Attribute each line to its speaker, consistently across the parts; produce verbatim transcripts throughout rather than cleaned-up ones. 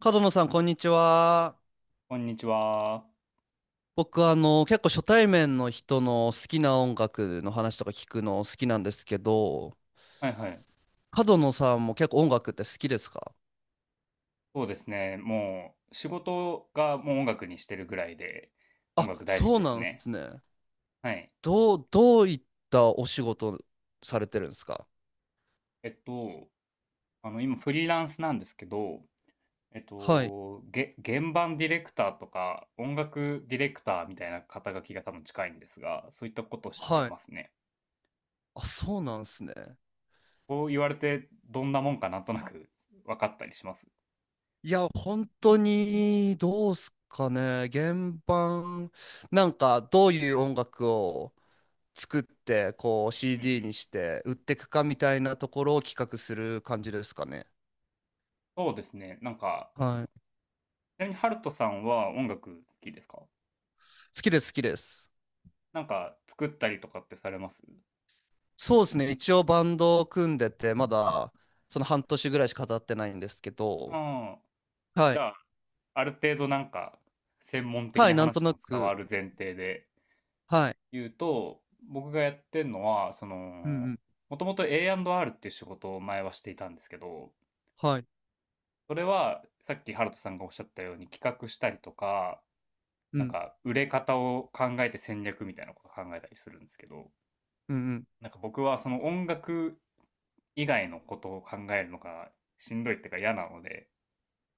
Speaker 1: 角野さん、こんにちは。
Speaker 2: こんにちは。
Speaker 1: 僕、あの、結構初対面の人の好きな音楽の話とか聞くの好きなんですけど、
Speaker 2: はいはい。
Speaker 1: 角野さんも結構音楽って好きですか？
Speaker 2: そうですね。もう仕事がもう音楽にしてるぐらいで、音
Speaker 1: あ、
Speaker 2: 楽大好き
Speaker 1: そう
Speaker 2: です
Speaker 1: なんで
Speaker 2: ね。
Speaker 1: すね。
Speaker 2: はい。
Speaker 1: どう、どういったお仕事されてるんですか？
Speaker 2: えっと、あの、今フリーランスなんですけど、えっ
Speaker 1: はい。
Speaker 2: と、げ、現場ディレクターとか音楽ディレクターみたいな肩書きが多分近いんですが、そういったことして
Speaker 1: はい。
Speaker 2: ますね。
Speaker 1: あ、そうなんですね。
Speaker 2: こう言われてどんなもんかなんとなく分かったりします。
Speaker 1: いや、本当に、どうすかね。原版、なんか、どういう音楽を作ってこう
Speaker 2: うんう
Speaker 1: シーディー に
Speaker 2: ん。
Speaker 1: して売っていくかみたいなところを企画する感じですかね。
Speaker 2: そうですね。なんか、
Speaker 1: はい。
Speaker 2: ちなみにハルトさんは音楽好きですか？
Speaker 1: 好きです好きです。
Speaker 2: なんか作ったりとかってされます
Speaker 1: そうですね。一応バンドを組んでてまだその半年ぐらいしか経ってないんですけど。
Speaker 2: ああ、
Speaker 1: は
Speaker 2: じ
Speaker 1: い。
Speaker 2: ゃあ、ある程度なんか、専門的
Speaker 1: は
Speaker 2: に
Speaker 1: い。なん
Speaker 2: 話
Speaker 1: と
Speaker 2: して
Speaker 1: な
Speaker 2: も伝わ
Speaker 1: く。
Speaker 2: る前提で
Speaker 1: はい。
Speaker 2: 言うと、僕がやってるのは、そ
Speaker 1: うんう
Speaker 2: の、
Speaker 1: ん。
Speaker 2: もともと エーアンドアール っていう仕事を前はしていたんですけど、
Speaker 1: はい。
Speaker 2: それはさっきハルトさんがおっしゃったように企画したりとか、
Speaker 1: う
Speaker 2: なん
Speaker 1: ん。
Speaker 2: か売れ方を考えて戦略みたいなことを考えたりするんですけど、
Speaker 1: うんうん。
Speaker 2: なんか僕はその音楽以外のことを考えるのがしんどいっていうか嫌なので、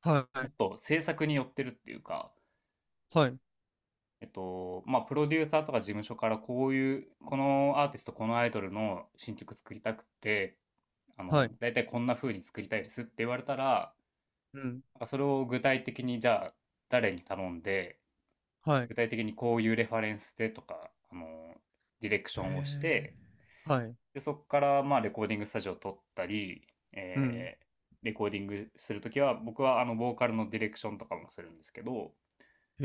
Speaker 1: は
Speaker 2: も
Speaker 1: い。
Speaker 2: っと制作に寄ってるっていうか、
Speaker 1: はい。
Speaker 2: えっと、まあ、プロデューサーとか事務所からこういう、このアーティスト、このアイドルの新曲作りたくて、あ
Speaker 1: は
Speaker 2: の、
Speaker 1: い。
Speaker 2: 大体こんな風に作りたいですって言われたら、
Speaker 1: うん。
Speaker 2: それを具体的にじゃあ誰に頼んで、
Speaker 1: はい。
Speaker 2: 具体的にこういうレファレンスでとか、あの、ディレクシ
Speaker 1: へ
Speaker 2: ョンをし
Speaker 1: え。
Speaker 2: て、
Speaker 1: はい。
Speaker 2: で、そこからまあレコーディングスタジオを撮ったり、
Speaker 1: うん。
Speaker 2: えーレコーディングするときは、僕はあの、ボーカルのディレクションとかもするんですけど、
Speaker 1: へ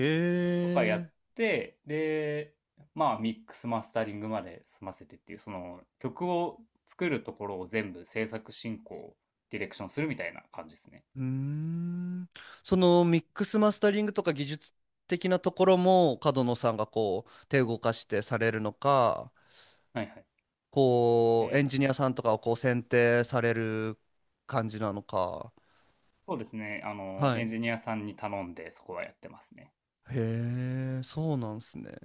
Speaker 2: とかやっ
Speaker 1: え。
Speaker 2: て、で、まあミックスマスタリングまで済ませてっていう、その曲を作るところを全部制作進行、ディレクションするみたいな感じですね。
Speaker 1: うーん。そのミックスマスタリングとか技術的なところも角野さんがこう手を動かしてされるのか、
Speaker 2: はいはい。
Speaker 1: こう
Speaker 2: え
Speaker 1: エン
Speaker 2: ー
Speaker 1: ジニアさんとかをこう選定される感じなのか。
Speaker 2: そうですね、あの、
Speaker 1: は
Speaker 2: エン
Speaker 1: い。
Speaker 2: ジニアさんに頼んでそこはやってますね。
Speaker 1: へえ、そうなんすね。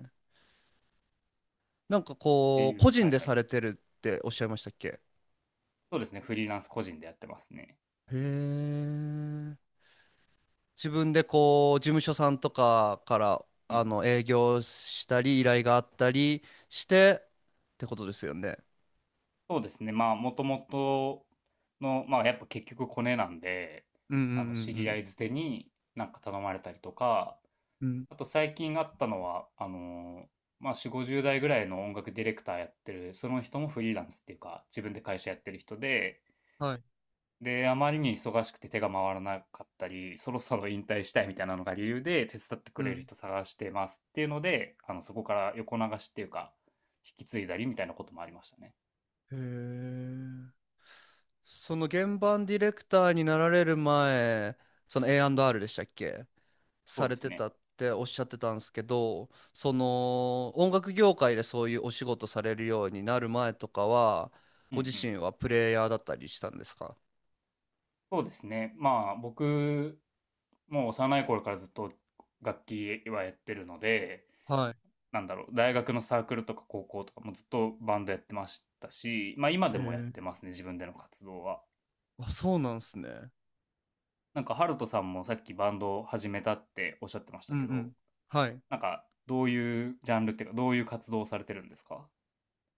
Speaker 1: なんか
Speaker 2: って
Speaker 1: こう
Speaker 2: い
Speaker 1: 個
Speaker 2: う、は
Speaker 1: 人
Speaker 2: い
Speaker 1: で
Speaker 2: は
Speaker 1: さ
Speaker 2: い。
Speaker 1: れてるっておっしゃいましたっけ？
Speaker 2: そうですね、フリーランス個人でやってますね。
Speaker 1: へえ。自分でこう事務所さんとかから
Speaker 2: うん。
Speaker 1: あの営業したり依頼があったりしてってことですよね。
Speaker 2: そうですね、まあもともとの、まあやっぱ結局コネなんで、
Speaker 1: うんう
Speaker 2: あの、知り合
Speaker 1: ん
Speaker 2: い捨てになんか頼まれたりとか、
Speaker 1: うんうん。うん
Speaker 2: あと最近あったのは、あのーまあ、よん、ごじゅう代ぐらいの音楽ディレクターやってる、その人もフリーランスっていうか、自分で会社やってる人で、
Speaker 1: はい。
Speaker 2: で、あまりに忙しくて手が回らなかったり、そろそろ引退したいみたいなのが理由で、手伝ってく
Speaker 1: う
Speaker 2: れる
Speaker 1: ん。
Speaker 2: 人探してますっていうので、あの、そこから横流しっていうか、引き継いだりみたいなこともありましたね。
Speaker 1: へえ。その原版ディレクターになられる前、その エーアンドアール でしたっけ
Speaker 2: そう
Speaker 1: さ
Speaker 2: で
Speaker 1: れ
Speaker 2: す
Speaker 1: てた
Speaker 2: ね。
Speaker 1: っておっしゃってたんですけど、その音楽業界でそういうお仕事されるようになる前とかは、
Speaker 2: うん
Speaker 1: ご
Speaker 2: う
Speaker 1: 自
Speaker 2: ん。
Speaker 1: 身はプレイヤーだったりしたんですか？
Speaker 2: そうですね。まあ、僕、もう幼い頃からずっと楽器はやってるので、
Speaker 1: は
Speaker 2: なんだろう、大学のサークルとか高校とかもずっとバンドやってましたし、まあ今で
Speaker 1: い。へ
Speaker 2: もやっ
Speaker 1: え。
Speaker 2: てますね、自分での活動は。
Speaker 1: あ、そうなんですね。
Speaker 2: なんか、ハルトさんもさっきバンドを始めたっておっしゃってました
Speaker 1: うんう
Speaker 2: けど、
Speaker 1: ん。はい。
Speaker 2: なんか、どういうジャンルっていうか、どういう活動をされてるんですか？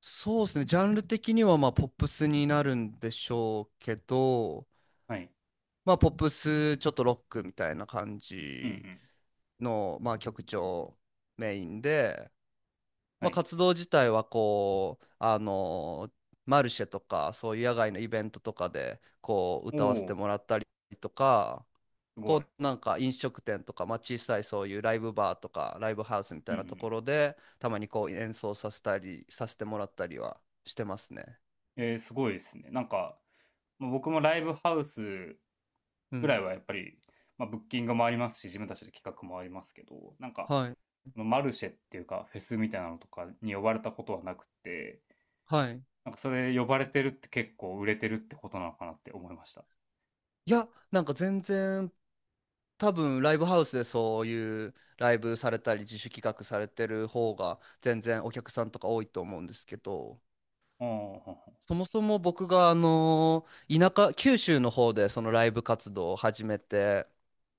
Speaker 1: そうですね。ジャンル的にはまあポップスになるんでしょうけど、
Speaker 2: はい。
Speaker 1: まあ、ポップス、ちょっとロックみたいな感
Speaker 2: うんう
Speaker 1: じ
Speaker 2: ん。
Speaker 1: の、まあ、曲調メインで、
Speaker 2: は
Speaker 1: まあ、
Speaker 2: い。
Speaker 1: 活動自体はこう、あの、マルシェとか、そういう野外のイベントとかで、こう、
Speaker 2: お
Speaker 1: 歌わせて
Speaker 2: お、
Speaker 1: もらったりとか、
Speaker 2: すごい。
Speaker 1: こう、なんか飲食店とか、まあ、小さいそういうライブバーとか、ライブハウスみた
Speaker 2: うん
Speaker 1: い
Speaker 2: う
Speaker 1: なと
Speaker 2: ん。
Speaker 1: ころで、たまにこう、演奏させたり、させてもらったりはしてますね。
Speaker 2: えー、すごいですね。なんか、まあ僕もライブハウス
Speaker 1: う
Speaker 2: ぐら
Speaker 1: ん。
Speaker 2: いはやっぱり、まあ、ブッキングもありますし、自分たちで企画もありますけど、なんか、
Speaker 1: はい。
Speaker 2: のマルシェっていうか、フェスみたいなのとかに呼ばれたことはなくて、
Speaker 1: はい。
Speaker 2: なんかそれ呼ばれてるって結構売れてるってことなのかなって思いました。あ
Speaker 1: いや、なんか全然多分ライブハウスでそういうライブされたり自主企画されてる方が全然お客さんとか多いと思うんですけど
Speaker 2: あ、
Speaker 1: そもそも僕があの田舎九州の方でそのライブ活動を始めて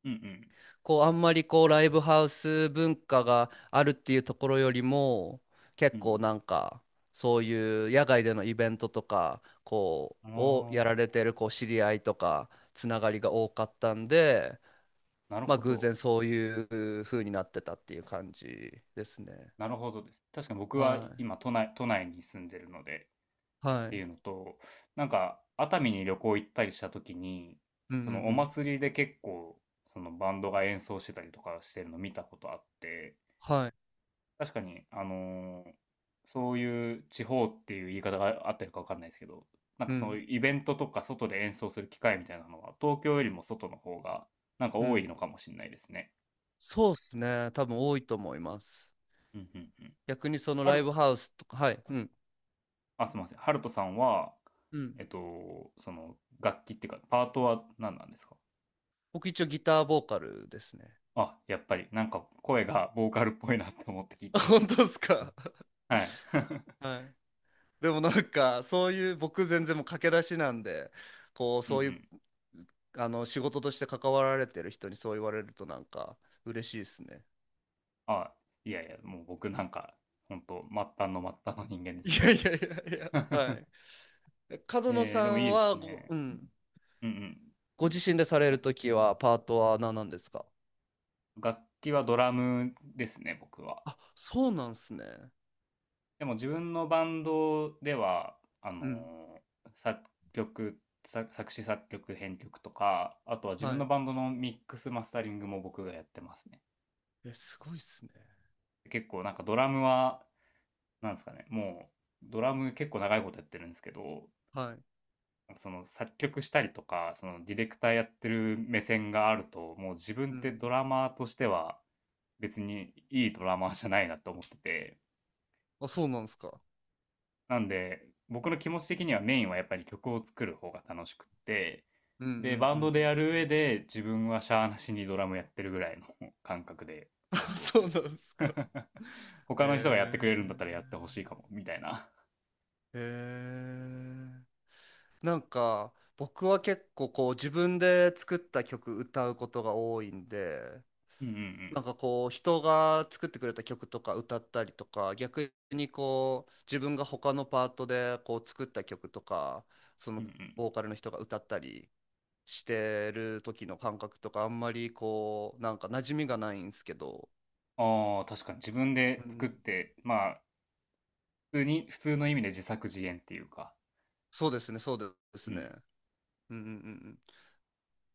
Speaker 2: うんうん。
Speaker 1: こうあんまりこうライブハウス文化があるっていうところよりも
Speaker 2: う
Speaker 1: 結構
Speaker 2: ん
Speaker 1: なんかそういう野外でのイベントとかこ
Speaker 2: う
Speaker 1: うを
Speaker 2: ん。
Speaker 1: やられ
Speaker 2: あ
Speaker 1: てるこう知り合いとかつながりが多かったんで。
Speaker 2: あ、なる
Speaker 1: まあ
Speaker 2: ほ
Speaker 1: 偶
Speaker 2: ど。
Speaker 1: 然そういう風になってたっていう感じですね。
Speaker 2: なるほどです。確かに僕は
Speaker 1: は
Speaker 2: 今都内都内に住んでるので
Speaker 1: い。
Speaker 2: っ
Speaker 1: は
Speaker 2: て
Speaker 1: い。
Speaker 2: いうのと、なんか熱海に旅行行ったりした時に、
Speaker 1: うんうんう
Speaker 2: そのお
Speaker 1: ん。
Speaker 2: 祭りで結構そのバンドが演奏してたりとかしてるの見たことあって、
Speaker 1: はい。
Speaker 2: 確かに、あのーそういう地方っていう言い方が合ってるか分かんないですけど、なんか
Speaker 1: う
Speaker 2: その
Speaker 1: ん
Speaker 2: イベントとか外で演奏する機会みたいなのは、東京よりも外の方がなんか
Speaker 1: う
Speaker 2: 多い
Speaker 1: ん。
Speaker 2: のかもしれないですね。
Speaker 1: そうっすね。多分多いと思います。
Speaker 2: うんうんうん。
Speaker 1: 逆にその
Speaker 2: あ
Speaker 1: ラ
Speaker 2: る、
Speaker 1: イブハウスとか、はい。うん。
Speaker 2: あ、すみません。ハルトさんは、
Speaker 1: うん。
Speaker 2: えっと、その楽器っていうか、パートは何なんですか？
Speaker 1: 僕一応ギターボーカルですね。
Speaker 2: あ、やっぱり、なんか声がボーカルっぽいなって思って聞い て
Speaker 1: あ
Speaker 2: まし
Speaker 1: 本
Speaker 2: た。
Speaker 1: 当ですか？
Speaker 2: はい。
Speaker 1: はい。でもなんかそういう僕全然もう駆け出しなんで、こう
Speaker 2: うんう
Speaker 1: そういう
Speaker 2: ん。
Speaker 1: あの仕事として関わられてる人にそう言われるとなんか嬉しいですね。
Speaker 2: あ、いやいや、もう僕なんか、本当末端の末端の人間で
Speaker 1: い
Speaker 2: すけ
Speaker 1: やい
Speaker 2: ど。
Speaker 1: やいやいや、は い。え角野
Speaker 2: え
Speaker 1: さ
Speaker 2: ー、でも
Speaker 1: ん
Speaker 2: いいです
Speaker 1: はご、
Speaker 2: ね。
Speaker 1: うん、
Speaker 2: うんうん。
Speaker 1: ご自身でされ
Speaker 2: な
Speaker 1: るときはパートは何なんですか？
Speaker 2: 楽器はドラムですね、僕は。
Speaker 1: あ、そうなんすね。
Speaker 2: でも自分のバンドでは、あの
Speaker 1: うん。
Speaker 2: ー作曲、作作詞作曲編曲とか、あとは自
Speaker 1: は
Speaker 2: 分の
Speaker 1: い。
Speaker 2: バンドのミックスマスタリングも僕がやってますね。
Speaker 1: え、すごいっすね。
Speaker 2: 結構なんかドラムは、なんですかね、もうドラム結構長いことやってるんですけど、
Speaker 1: はい。
Speaker 2: なんかその作曲したりとか、そのディレクターやってる目線があると、もう自分
Speaker 1: う
Speaker 2: って
Speaker 1: ん。
Speaker 2: ドラマーとしては、別にいいドラマーじゃないなと思ってて、
Speaker 1: あ、そうなんすか。
Speaker 2: なんで僕の気持ち的にはメインはやっぱり曲を作る方が楽しくって、
Speaker 1: うんうんうん
Speaker 2: でバ
Speaker 1: う
Speaker 2: ンドでや
Speaker 1: ん
Speaker 2: る上で自分はしゃーなしにドラムやってるぐらいの感覚で
Speaker 1: うん。
Speaker 2: 活動し
Speaker 1: そ
Speaker 2: て
Speaker 1: うなんす
Speaker 2: ま
Speaker 1: か。
Speaker 2: す。
Speaker 1: へ
Speaker 2: 他の人がやってくれるんだったらやってほしいかもみたいな。
Speaker 1: え。へえ。なんか僕は結構こう自分で作った曲歌うことが多いんで、
Speaker 2: うんう
Speaker 1: なん
Speaker 2: ん
Speaker 1: かこう人が作ってくれた曲とか歌ったりとか逆にこう自分が他のパートでこう作った曲とかそ
Speaker 2: う
Speaker 1: の
Speaker 2: んうんうん。
Speaker 1: ボーカルの人が歌ったりしてる時の感覚とかあんまりこうなんか馴染みがないんですけど、
Speaker 2: あー、確かに自分
Speaker 1: う
Speaker 2: で作っ
Speaker 1: ん、
Speaker 2: てまあ普通に普通の意味で自作自演っていうか、
Speaker 1: そうですねそうで
Speaker 2: う
Speaker 1: す
Speaker 2: ん
Speaker 1: ねうんうんうん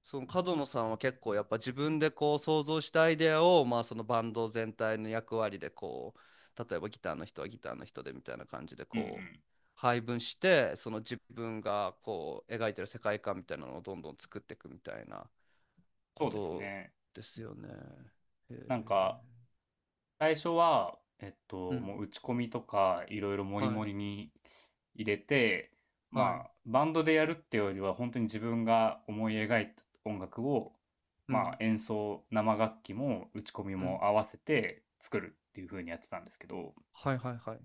Speaker 1: その角野さんは結構やっぱ自分でこう想像したアイデアをまあそのバンド全体の役割でこう例えばギターの人はギターの人でみたいな感じで
Speaker 2: うんう
Speaker 1: こう
Speaker 2: ん、
Speaker 1: 配分してその自分がこう描いてる世界観みたいなのをどんどん作っていくみたいなこ
Speaker 2: そうです
Speaker 1: と
Speaker 2: ね。
Speaker 1: ですよね。へ
Speaker 2: なんか
Speaker 1: え。
Speaker 2: 最初は、えっ
Speaker 1: う
Speaker 2: と、
Speaker 1: ん。
Speaker 2: もう打ち込みとかいろいろモり
Speaker 1: は
Speaker 2: モ
Speaker 1: い。
Speaker 2: りに入れて、
Speaker 1: は
Speaker 2: ま
Speaker 1: い。
Speaker 2: あ、バンドでやるっていうよりは、本当に自分が思い描いた音楽を、
Speaker 1: う
Speaker 2: まあ、
Speaker 1: ん。
Speaker 2: 演奏、生楽器も打ち込み
Speaker 1: うん。
Speaker 2: も合わせて作るっていう風にやってたんですけど、
Speaker 1: はいはいはい。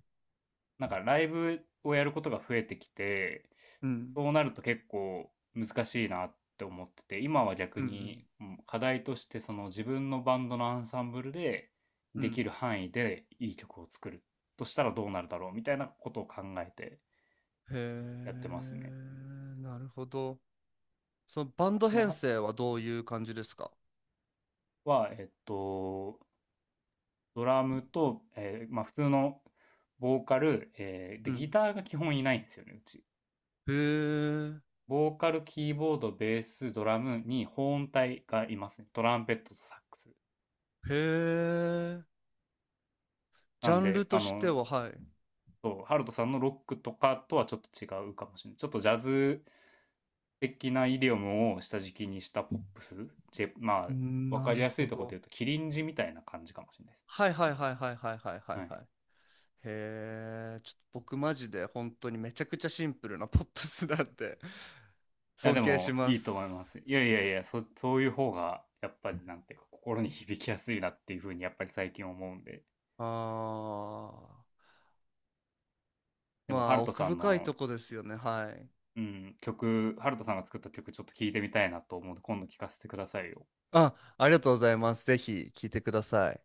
Speaker 2: なんかライブをやることが増えてきて、
Speaker 1: うん。
Speaker 2: そうなると結構難しいなって思ってて、今は逆
Speaker 1: う
Speaker 2: に
Speaker 1: ん
Speaker 2: うん課題としてその自分のバンドのアンサンブルで
Speaker 1: うん。う
Speaker 2: で
Speaker 1: ん。
Speaker 2: きる範囲でいい曲を作るとしたらどうなるだろうみたいなことを考えて
Speaker 1: へ
Speaker 2: やってますね。
Speaker 1: え。なるほど。そのバンド編
Speaker 2: 今
Speaker 1: 成はどういう感じですか？
Speaker 2: は、はえっと、ドラムと、えーまあ普通のボーカル、えーで、
Speaker 1: う
Speaker 2: ギ
Speaker 1: ん。
Speaker 2: ターが基本いないんですよね、うち。
Speaker 1: へえ、
Speaker 2: ボーカル、キーボード、ベース、ドラムに保音隊がいますね。トランペットとサックス。
Speaker 1: へえ、ジ
Speaker 2: な
Speaker 1: ャ
Speaker 2: ん
Speaker 1: ンル
Speaker 2: で、
Speaker 1: と
Speaker 2: あ
Speaker 1: して
Speaker 2: の、
Speaker 1: は、はい。
Speaker 2: そう、ハルトさんのロックとかとはちょっと違うかもしれない。ちょっとジャズ的なイディオムを下敷きにしたポップス。J- ま
Speaker 1: う
Speaker 2: あ、
Speaker 1: ん
Speaker 2: わか
Speaker 1: な
Speaker 2: り
Speaker 1: る
Speaker 2: やすい
Speaker 1: ほ
Speaker 2: ところで
Speaker 1: ど。
Speaker 2: 言うと、キリンジみたいな感じかもしれないです
Speaker 1: はいはいはいはいはい
Speaker 2: ね。
Speaker 1: はいは
Speaker 2: は
Speaker 1: い
Speaker 2: い。い
Speaker 1: はい。へえ、ちょっと僕マジで本当にめちゃくちゃシンプルなポップスなんで
Speaker 2: や、
Speaker 1: 尊
Speaker 2: で
Speaker 1: 敬し
Speaker 2: も、
Speaker 1: ま
Speaker 2: いいと思いま
Speaker 1: す。
Speaker 2: す。いやいやいや、そ、そういう方が、やっぱり、なんていうか、心に響きやすいなっていうふうに、やっぱり最近思うんで。
Speaker 1: あー、
Speaker 2: で
Speaker 1: ま
Speaker 2: も、ハ
Speaker 1: あ
Speaker 2: ルト
Speaker 1: 奥
Speaker 2: さん
Speaker 1: 深い
Speaker 2: の
Speaker 1: とこですよね、はい。
Speaker 2: うん、曲、ハルトさんが作った曲ちょっと聴いてみたいなと思うので、今度聴かせてくださいよ。
Speaker 1: あ、ありがとうございます。ぜひ聞いてください。